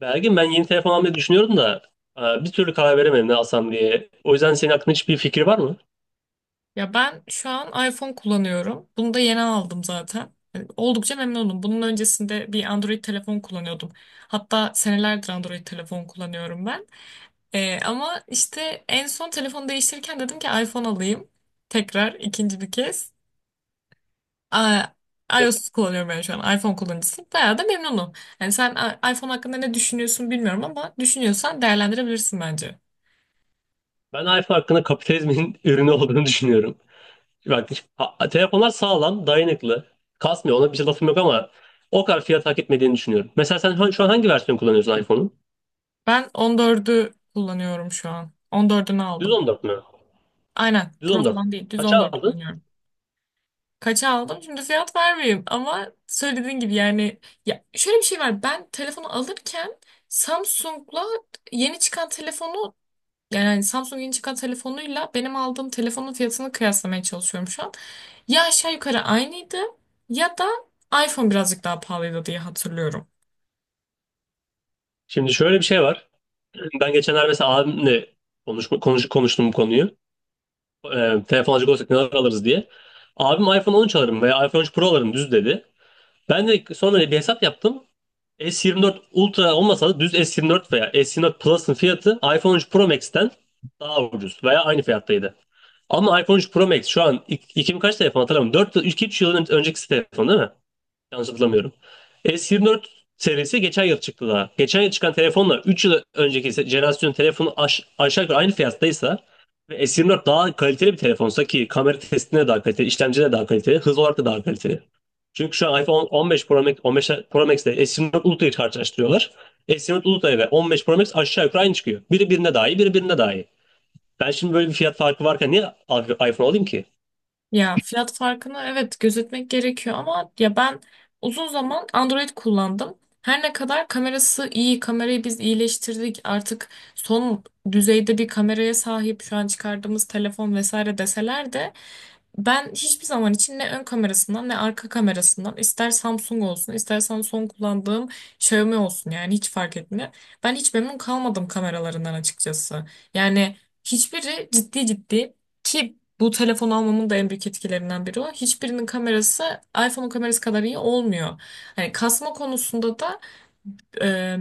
Belgin ben yeni telefon almayı düşünüyorum da bir türlü karar veremedim ne alsam diye. O yüzden senin aklında hiçbir fikir var mı? Ya ben şu an iPhone kullanıyorum. Bunu da yeni aldım zaten. Yani oldukça memnunum. Bunun öncesinde bir Android telefon kullanıyordum. Hatta senelerdir Android telefon kullanıyorum ben. Ama işte en son telefonu değiştirirken dedim ki iPhone alayım. Tekrar ikinci bir kez. Aa, iOS kullanıyorum ben şu an. iPhone kullanıcısıyım. Bayağı da memnunum. Yani sen iPhone hakkında ne düşünüyorsun bilmiyorum ama düşünüyorsan değerlendirebilirsin bence. Ben iPhone hakkında kapitalizmin ürünü olduğunu düşünüyorum. Bak telefonlar sağlam, dayanıklı, kasmıyor. Ona bir şey lafım yok ama o kadar fiyat hak etmediğini düşünüyorum. Mesela sen şu an hangi versiyon kullanıyorsun iPhone'un? Ben 14'ü kullanıyorum şu an. 14'ünü Düz aldım. 14 mü? Aynen. Düz Pro 14. falan değil. Düz on Kaça dört aldın? kullanıyorum. Kaça aldım? Şimdi fiyat vermeyeyim ama söylediğin gibi yani ya şöyle bir şey var. Ben telefonu alırken Samsung'la yeni çıkan telefonu yani hani Samsung yeni çıkan telefonuyla benim aldığım telefonun fiyatını kıyaslamaya çalışıyorum şu an. Ya aşağı yukarı aynıydı ya da iPhone birazcık daha pahalıydı diye hatırlıyorum. Şimdi şöyle bir şey var. Ben geçenler mesela abimle konuştum bu konuyu. E, telefon alacak olsak neler alırız diye. Abim iPhone 13 alırım veya iPhone 13 Pro alırım düz dedi. Ben de sonra bir hesap yaptım. S24 Ultra olmasa da düz S24 veya S24 Plus'ın fiyatı iPhone 13 Pro Max'ten daha ucuz veya aynı fiyattaydı. Ama iPhone 13 Pro Max şu an 2000 kaç telefon hatırlamıyorum. 2-3 yıl önceki telefon değil mi? Yanlış hatırlamıyorum. S24 serisi geçen yıl çıktı daha. Geçen yıl çıkan telefonla 3 yıl önceki jenerasyonun telefonu aşağı yukarı aynı fiyattaysa ve S24 daha kaliteli bir telefonsa ki kamera testine daha kaliteli, işlemci daha kaliteli, hız olarak da daha kaliteli. Çünkü şu an iPhone 15 Pro Max, 15 Pro Max ile S24 Ultra'yı karşılaştırıyorlar. S24 Ultra ve 15 Pro Max aşağı yukarı aynı çıkıyor. Biri birine daha iyi, biri birine daha iyi. Ben şimdi böyle bir fiyat farkı varken niye iPhone alayım ki? Ya fiyat farkını evet gözetmek gerekiyor ama ya ben uzun zaman Android kullandım. Her ne kadar kamerası iyi, kamerayı biz iyileştirdik. Artık son düzeyde bir kameraya sahip şu an çıkardığımız telefon vesaire deseler de ben hiçbir zaman için ne ön kamerasından ne arka kamerasından ister Samsung olsun istersen son kullandığım Xiaomi olsun yani hiç fark etmiyor. Ben hiç memnun kalmadım kameralarından açıkçası. Yani hiçbiri ciddi ciddi ki bu telefon almamın da en büyük etkilerinden biri o. Hiçbirinin kamerası iPhone'un kamerası kadar iyi olmuyor. Hani kasma konusunda da Eee,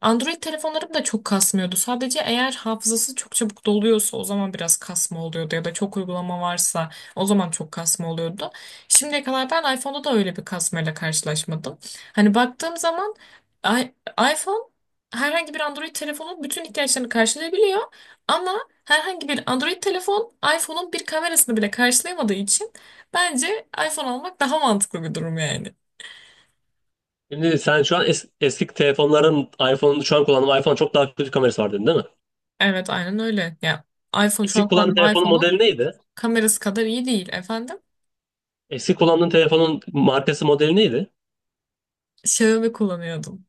Android telefonlarım da çok kasmıyordu. Sadece eğer hafızası çok çabuk doluyorsa o zaman biraz kasma oluyordu ya da çok uygulama varsa o zaman çok kasma oluyordu. Şimdiye kadar ben iPhone'da da öyle bir kasmayla karşılaşmadım. Hani baktığım zaman i- iPhone herhangi bir Android telefonun bütün ihtiyaçlarını karşılayabiliyor ama herhangi bir Android telefon iPhone'un bir kamerasını bile karşılayamadığı için bence iPhone almak daha mantıklı bir durum yani. Şimdi sen şu an eski telefonların iPhone'unu şu an kullandığın iPhone çok daha kötü kamerası var dedin değil mi? Evet aynen öyle. Ya iPhone şu Eski an kullandığın kullandığım telefonun iPhone'un modeli neydi? kamerası kadar iyi değil efendim. Eski kullandığın telefonun markası modeli neydi? Xiaomi kullanıyordum.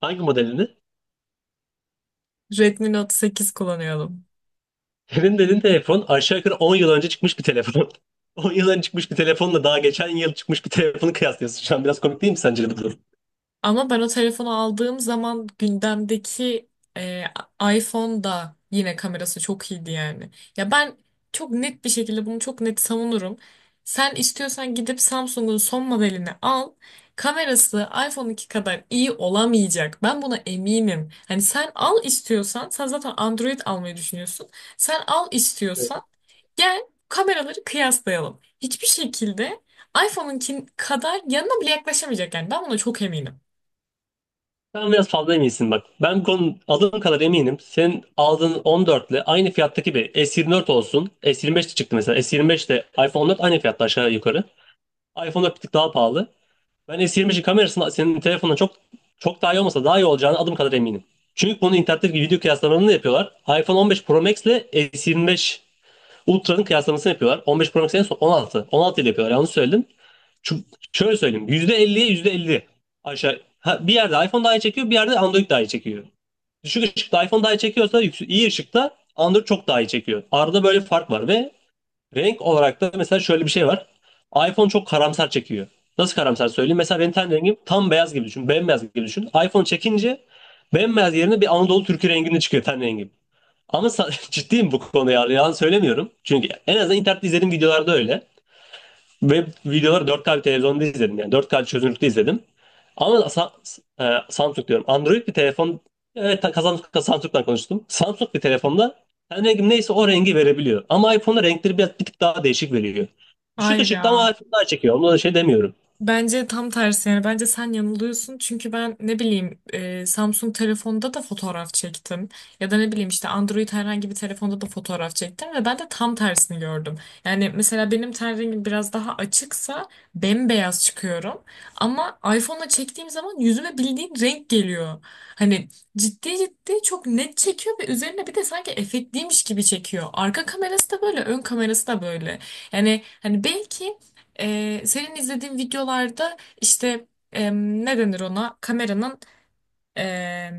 Hangi modelini? Redmi Note 8 kullanıyordum. Senin dediğin telefon aşağı yukarı 10 yıl önce çıkmış bir telefon. 10 yıl önce çıkmış bir telefonla daha geçen yıl çıkmış bir telefonu kıyaslıyorsun. Şu an biraz komik değil mi sence bu durum? Ama ben o telefonu aldığım zaman gündemdeki e, iPhone da yine kamerası çok iyiydi yani. Ya ben çok net bir şekilde bunu çok net savunurum. Sen istiyorsan gidip Samsung'un son modelini al. Kamerası iPhone 2 kadar iyi olamayacak. Ben buna eminim. Hani sen al istiyorsan, sen zaten Android almayı düşünüyorsun. Sen al Evet. istiyorsan gel kameraları kıyaslayalım. Hiçbir şekilde iPhone'unkin kadar yanına bile yaklaşamayacak yani. Ben buna çok eminim. Sen biraz fazla eminsin bak. Ben bu konu aldığım kadar eminim. Senin aldığın 14 ile aynı fiyattaki bir S24 olsun. S25 de çıktı mesela. S25 ile iPhone 14 aynı fiyatta aşağı yukarı. iPhone'da bir tık daha pahalı. Ben S20'in kamerasının senin telefonundan çok çok daha iyi olmasa daha iyi olacağını adım kadar eminim. Çünkü bunu internetteki video kıyaslamalarını da yapıyorlar. iPhone 15 Pro Max ile S25 Ultra'nın kıyaslamasını yapıyorlar. 15 Pro Max en son 16. 16 ile yapıyorlar yanlış söyledim. Şu, şöyle söyleyeyim. %50'ye %50 aşağı. Ha, bir yerde iPhone daha iyi çekiyor, bir yerde Android daha iyi çekiyor. Düşük ışıkta iPhone daha iyi çekiyorsa yüksek, iyi ışıkta Android çok daha iyi çekiyor. Arada böyle bir fark var. Ve renk olarak da mesela şöyle bir şey var. iPhone çok karamsar çekiyor. Nasıl karamsar söyleyeyim? Mesela benim ten rengim tam beyaz gibi düşün. Bembeyaz gibi düşün. iPhone çekince bembeyaz yerine bir Anadolu türkü renginde çıkıyor ten rengim. Ama ciddiyim bu konuda ya. Yalan söylemiyorum. Çünkü en azından internette izlediğim videolarda öyle. Ve videoları 4K bir televizyonda izledim, yani 4K çözünürlükte izledim. Ama Samsung diyorum. Android bir telefon, evet, Samsung'dan konuştum. Samsung bir telefonda yani rengim neyse o rengi verebiliyor. Ama iPhone'da renkleri biraz bir tık daha değişik veriyor. Düşük Hayır ışıkta ama ya. iPhone daha çekiyor. Ona da şey demiyorum. Bence tam tersi yani bence sen yanılıyorsun çünkü ben ne bileyim Samsung telefonda da fotoğraf çektim ya da ne bileyim işte Android herhangi bir telefonda da fotoğraf çektim ve ben de tam tersini gördüm. Yani mesela benim ten rengim biraz daha açıksa bembeyaz çıkıyorum ama iPhone'la çektiğim zaman yüzüme bildiğin renk geliyor. Hani ciddi ciddi çok net çekiyor ve üzerine bir de sanki efektliymiş gibi çekiyor. Arka kamerası da böyle ön kamerası da böyle. Yani hani belki senin izlediğin videolarda işte ne denir ona? Kameranın e,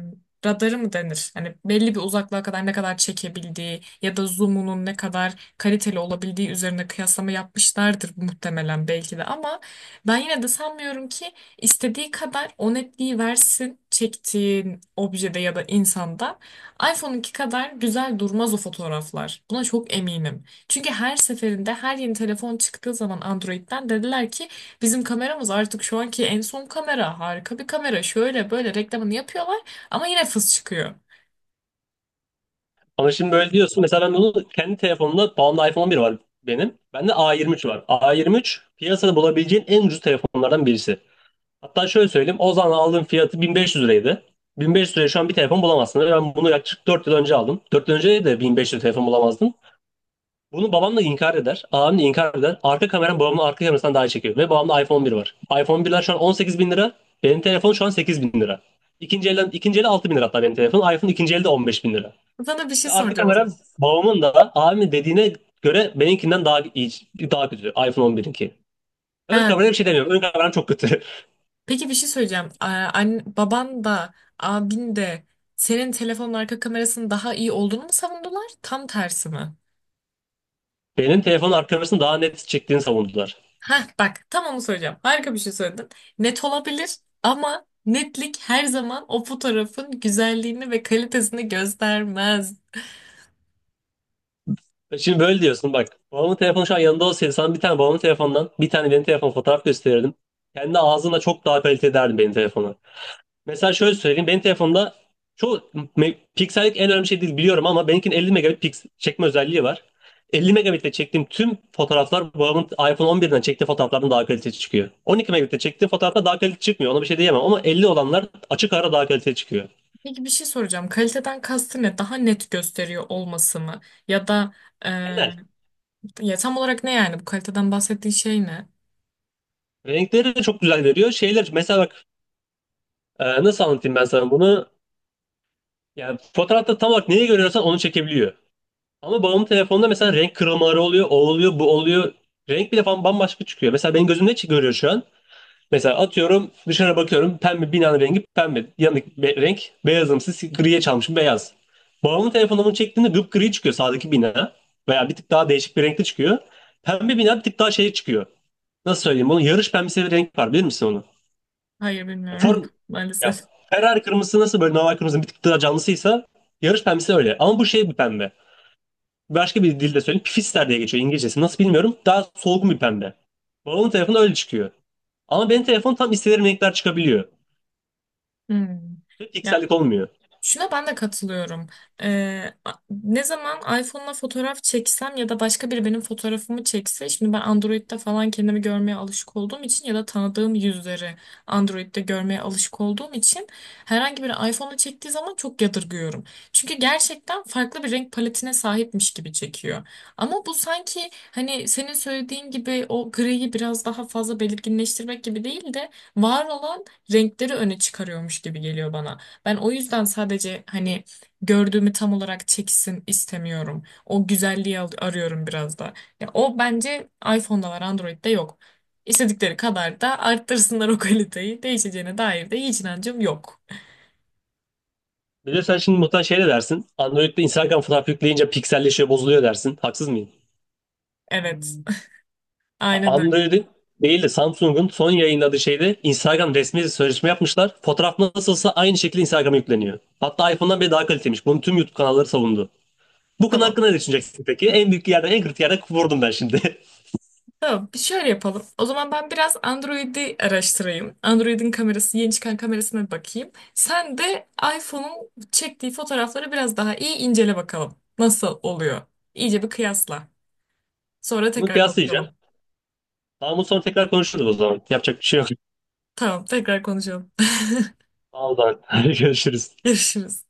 radarı mı denir? Hani belli bir uzaklığa kadar ne kadar çekebildiği ya da zoom'unun ne kadar kaliteli olabildiği üzerine kıyaslama yapmışlardır muhtemelen belki de ama ben yine de sanmıyorum ki istediği kadar o netliği versin çektiğin objede ya da insanda iPhone'unki kadar güzel durmaz o fotoğraflar. Buna çok eminim. Çünkü her seferinde her yeni telefon çıktığı zaman Android'den dediler ki bizim kameramız artık şu anki en son kamera. Harika bir kamera. Şöyle böyle reklamını yapıyorlar ama yine fıs çıkıyor. Ama şimdi böyle diyorsun. Mesela ben bunu kendi telefonumda bağımlı iPhone 11 var benim. Bende A23 var. A23 piyasada bulabileceğin en ucuz telefonlardan birisi. Hatta şöyle söyleyeyim. O zaman aldığım fiyatı 1500 liraydı. 1500 liraya şu an bir telefon bulamazsın. Ben bunu yaklaşık 4 yıl önce aldım. 4 yıl önce de 1500 telefon bulamazdım. Bunu babam da inkar eder. Abim de inkar eder. Arka kameram babamın arka kamerasından daha iyi çekiyor. Ve babamda iPhone 11 var. iPhone 1'ler şu an 18 bin lira. Benim telefon şu an 8 bin lira. İkinci elden, ikinci eli 6 bin lira hatta benim telefon. iPhone ikinci elde 15 bin lira. Sana bir şey Arka soracağım o kameram zaman. babamın da abimin dediğine göre benimkinden daha iyi, daha kötü. iPhone 11'inki. Ön Ha, kameraya bir şey demiyorum. Ön kameram çok kötü. peki bir şey söyleyeceğim. Baban da abin de senin telefonun arka kamerasının daha iyi olduğunu mu savundular? Tam tersi mi? Benim telefonun arka kamerasını daha net çektiğini savundular. Ha bak tam onu söyleyeceğim. Harika bir şey söyledin. Net olabilir ama netlik her zaman o fotoğrafın güzelliğini ve kalitesini göstermez. Şimdi böyle diyorsun bak. Babamın telefonu şu an yanında olsaydı sana bir tane babamın telefonundan bir tane benim telefon fotoğraf gösterirdim. Kendi ağzına çok daha kaliteli derdim benim telefonu. Mesela şöyle söyleyeyim. Benim telefonumda çoğu piksellik en önemli şey değil biliyorum ama benimkinin 50 megabit çekme özelliği var. 50 megabitle çektiğim tüm fotoğraflar babamın iPhone 11'den çektiği fotoğraflardan daha kaliteli çıkıyor. 12 megabitle çektiğim fotoğrafta daha kaliteli çıkmıyor. Ona bir şey diyemem ama 50 olanlar açık ara daha kaliteli çıkıyor. Peki bir şey soracağım. Kaliteden kastı ne? Daha net gösteriyor olması mı? Ya da e, Genel. ya tam olarak ne yani? Bu kaliteden bahsettiği şey ne? Renkleri de çok güzel veriyor. Şeyler mesela bak, nasıl anlatayım ben sana bunu? Yani fotoğrafta tam olarak neyi görüyorsan onu çekebiliyor. Ama babamın telefonunda mesela renk kırılmaları oluyor, o oluyor, bu oluyor. Renk bile falan bambaşka çıkıyor. Mesela benim gözüm ne görüyor şu an? Mesela atıyorum dışarı bakıyorum, pembe binanın rengi pembe. Yanındaki renk beyazımsı, griye çalmışım beyaz. Babamın telefonunu bunu çektiğinde gri çıkıyor sağdaki bina. Veya bir tık daha değişik bir renkte çıkıyor. Pembe bina bir tık daha şey çıkıyor. Nasıl söyleyeyim bunu? Yarış pembesi bir renk var, bilir misin onu? Hayır Ya bilmiyorum Form, ya maalesef. Ferrari kırmızısı nasıl böyle normal kırmızının bir tık daha canlısıysa, yarış pembesi öyle. Ama bu şey bir pembe. Başka bir dilde söyleyeyim. Pifister diye geçiyor İngilizcesi. Nasıl bilmiyorum. Daha solgun bir pembe. Babamın telefonu öyle çıkıyor. Ama benim telefon tam istediğim renkler çıkabiliyor. Hmm. Ve piksellik olmuyor. Şuna ben de katılıyorum. Ne zaman iPhone'la fotoğraf çeksem ya da başka biri benim fotoğrafımı çekse, şimdi ben Android'de falan kendimi görmeye alışık olduğum için ya da tanıdığım yüzleri Android'de görmeye alışık olduğum için herhangi biri iPhone'la çektiği zaman çok yadırgıyorum. Çünkü gerçekten farklı bir renk paletine sahipmiş gibi çekiyor. Ama bu sanki hani senin söylediğin gibi o griyi biraz daha fazla belirginleştirmek gibi değil de var olan renkleri öne çıkarıyormuş gibi geliyor bana. Ben o yüzden sadece hani gördüğümü tam olarak çeksin istemiyorum. O güzelliği arıyorum biraz da. Ya o bence iPhone'da var, Android'de yok. İstedikleri kadar da arttırsınlar o kaliteyi. Değişeceğine dair de hiç inancım yok. Bir de sen şimdi muhtemelen şey de dersin. Android'de Instagram fotoğrafı yükleyince pikselleşiyor, bozuluyor dersin. Haksız mıyım? Evet. Aynen öyle. Android'in değil de Samsung'un son yayınladığı şeyde Instagram resmi sözleşme yapmışlar. Fotoğraf nasılsa aynı şekilde Instagram'a yükleniyor. Hatta iPhone'dan bile daha kaliteliymiş. Bunu tüm YouTube kanalları savundu. Bu konu Tamam. hakkında ne düşüneceksin peki? En büyük yerden, en kritik yerden vurdum ben şimdi. Tamam. Bir şöyle yapalım. O zaman ben biraz Android'i araştırayım. Android'in kamerası, yeni çıkan kamerasına bir bakayım. Sen de iPhone'un çektiği fotoğrafları biraz daha iyi incele bakalım. Nasıl oluyor? İyice bir kıyasla. Sonra Bunu tekrar kıyaslayacağım. konuşalım. Tamam, bu sonra tekrar konuşuruz o zaman. Yapacak bir şey yok. Tamam, tekrar konuşalım. Sağ ol, Doğan. Görüşürüz. Görüşürüz.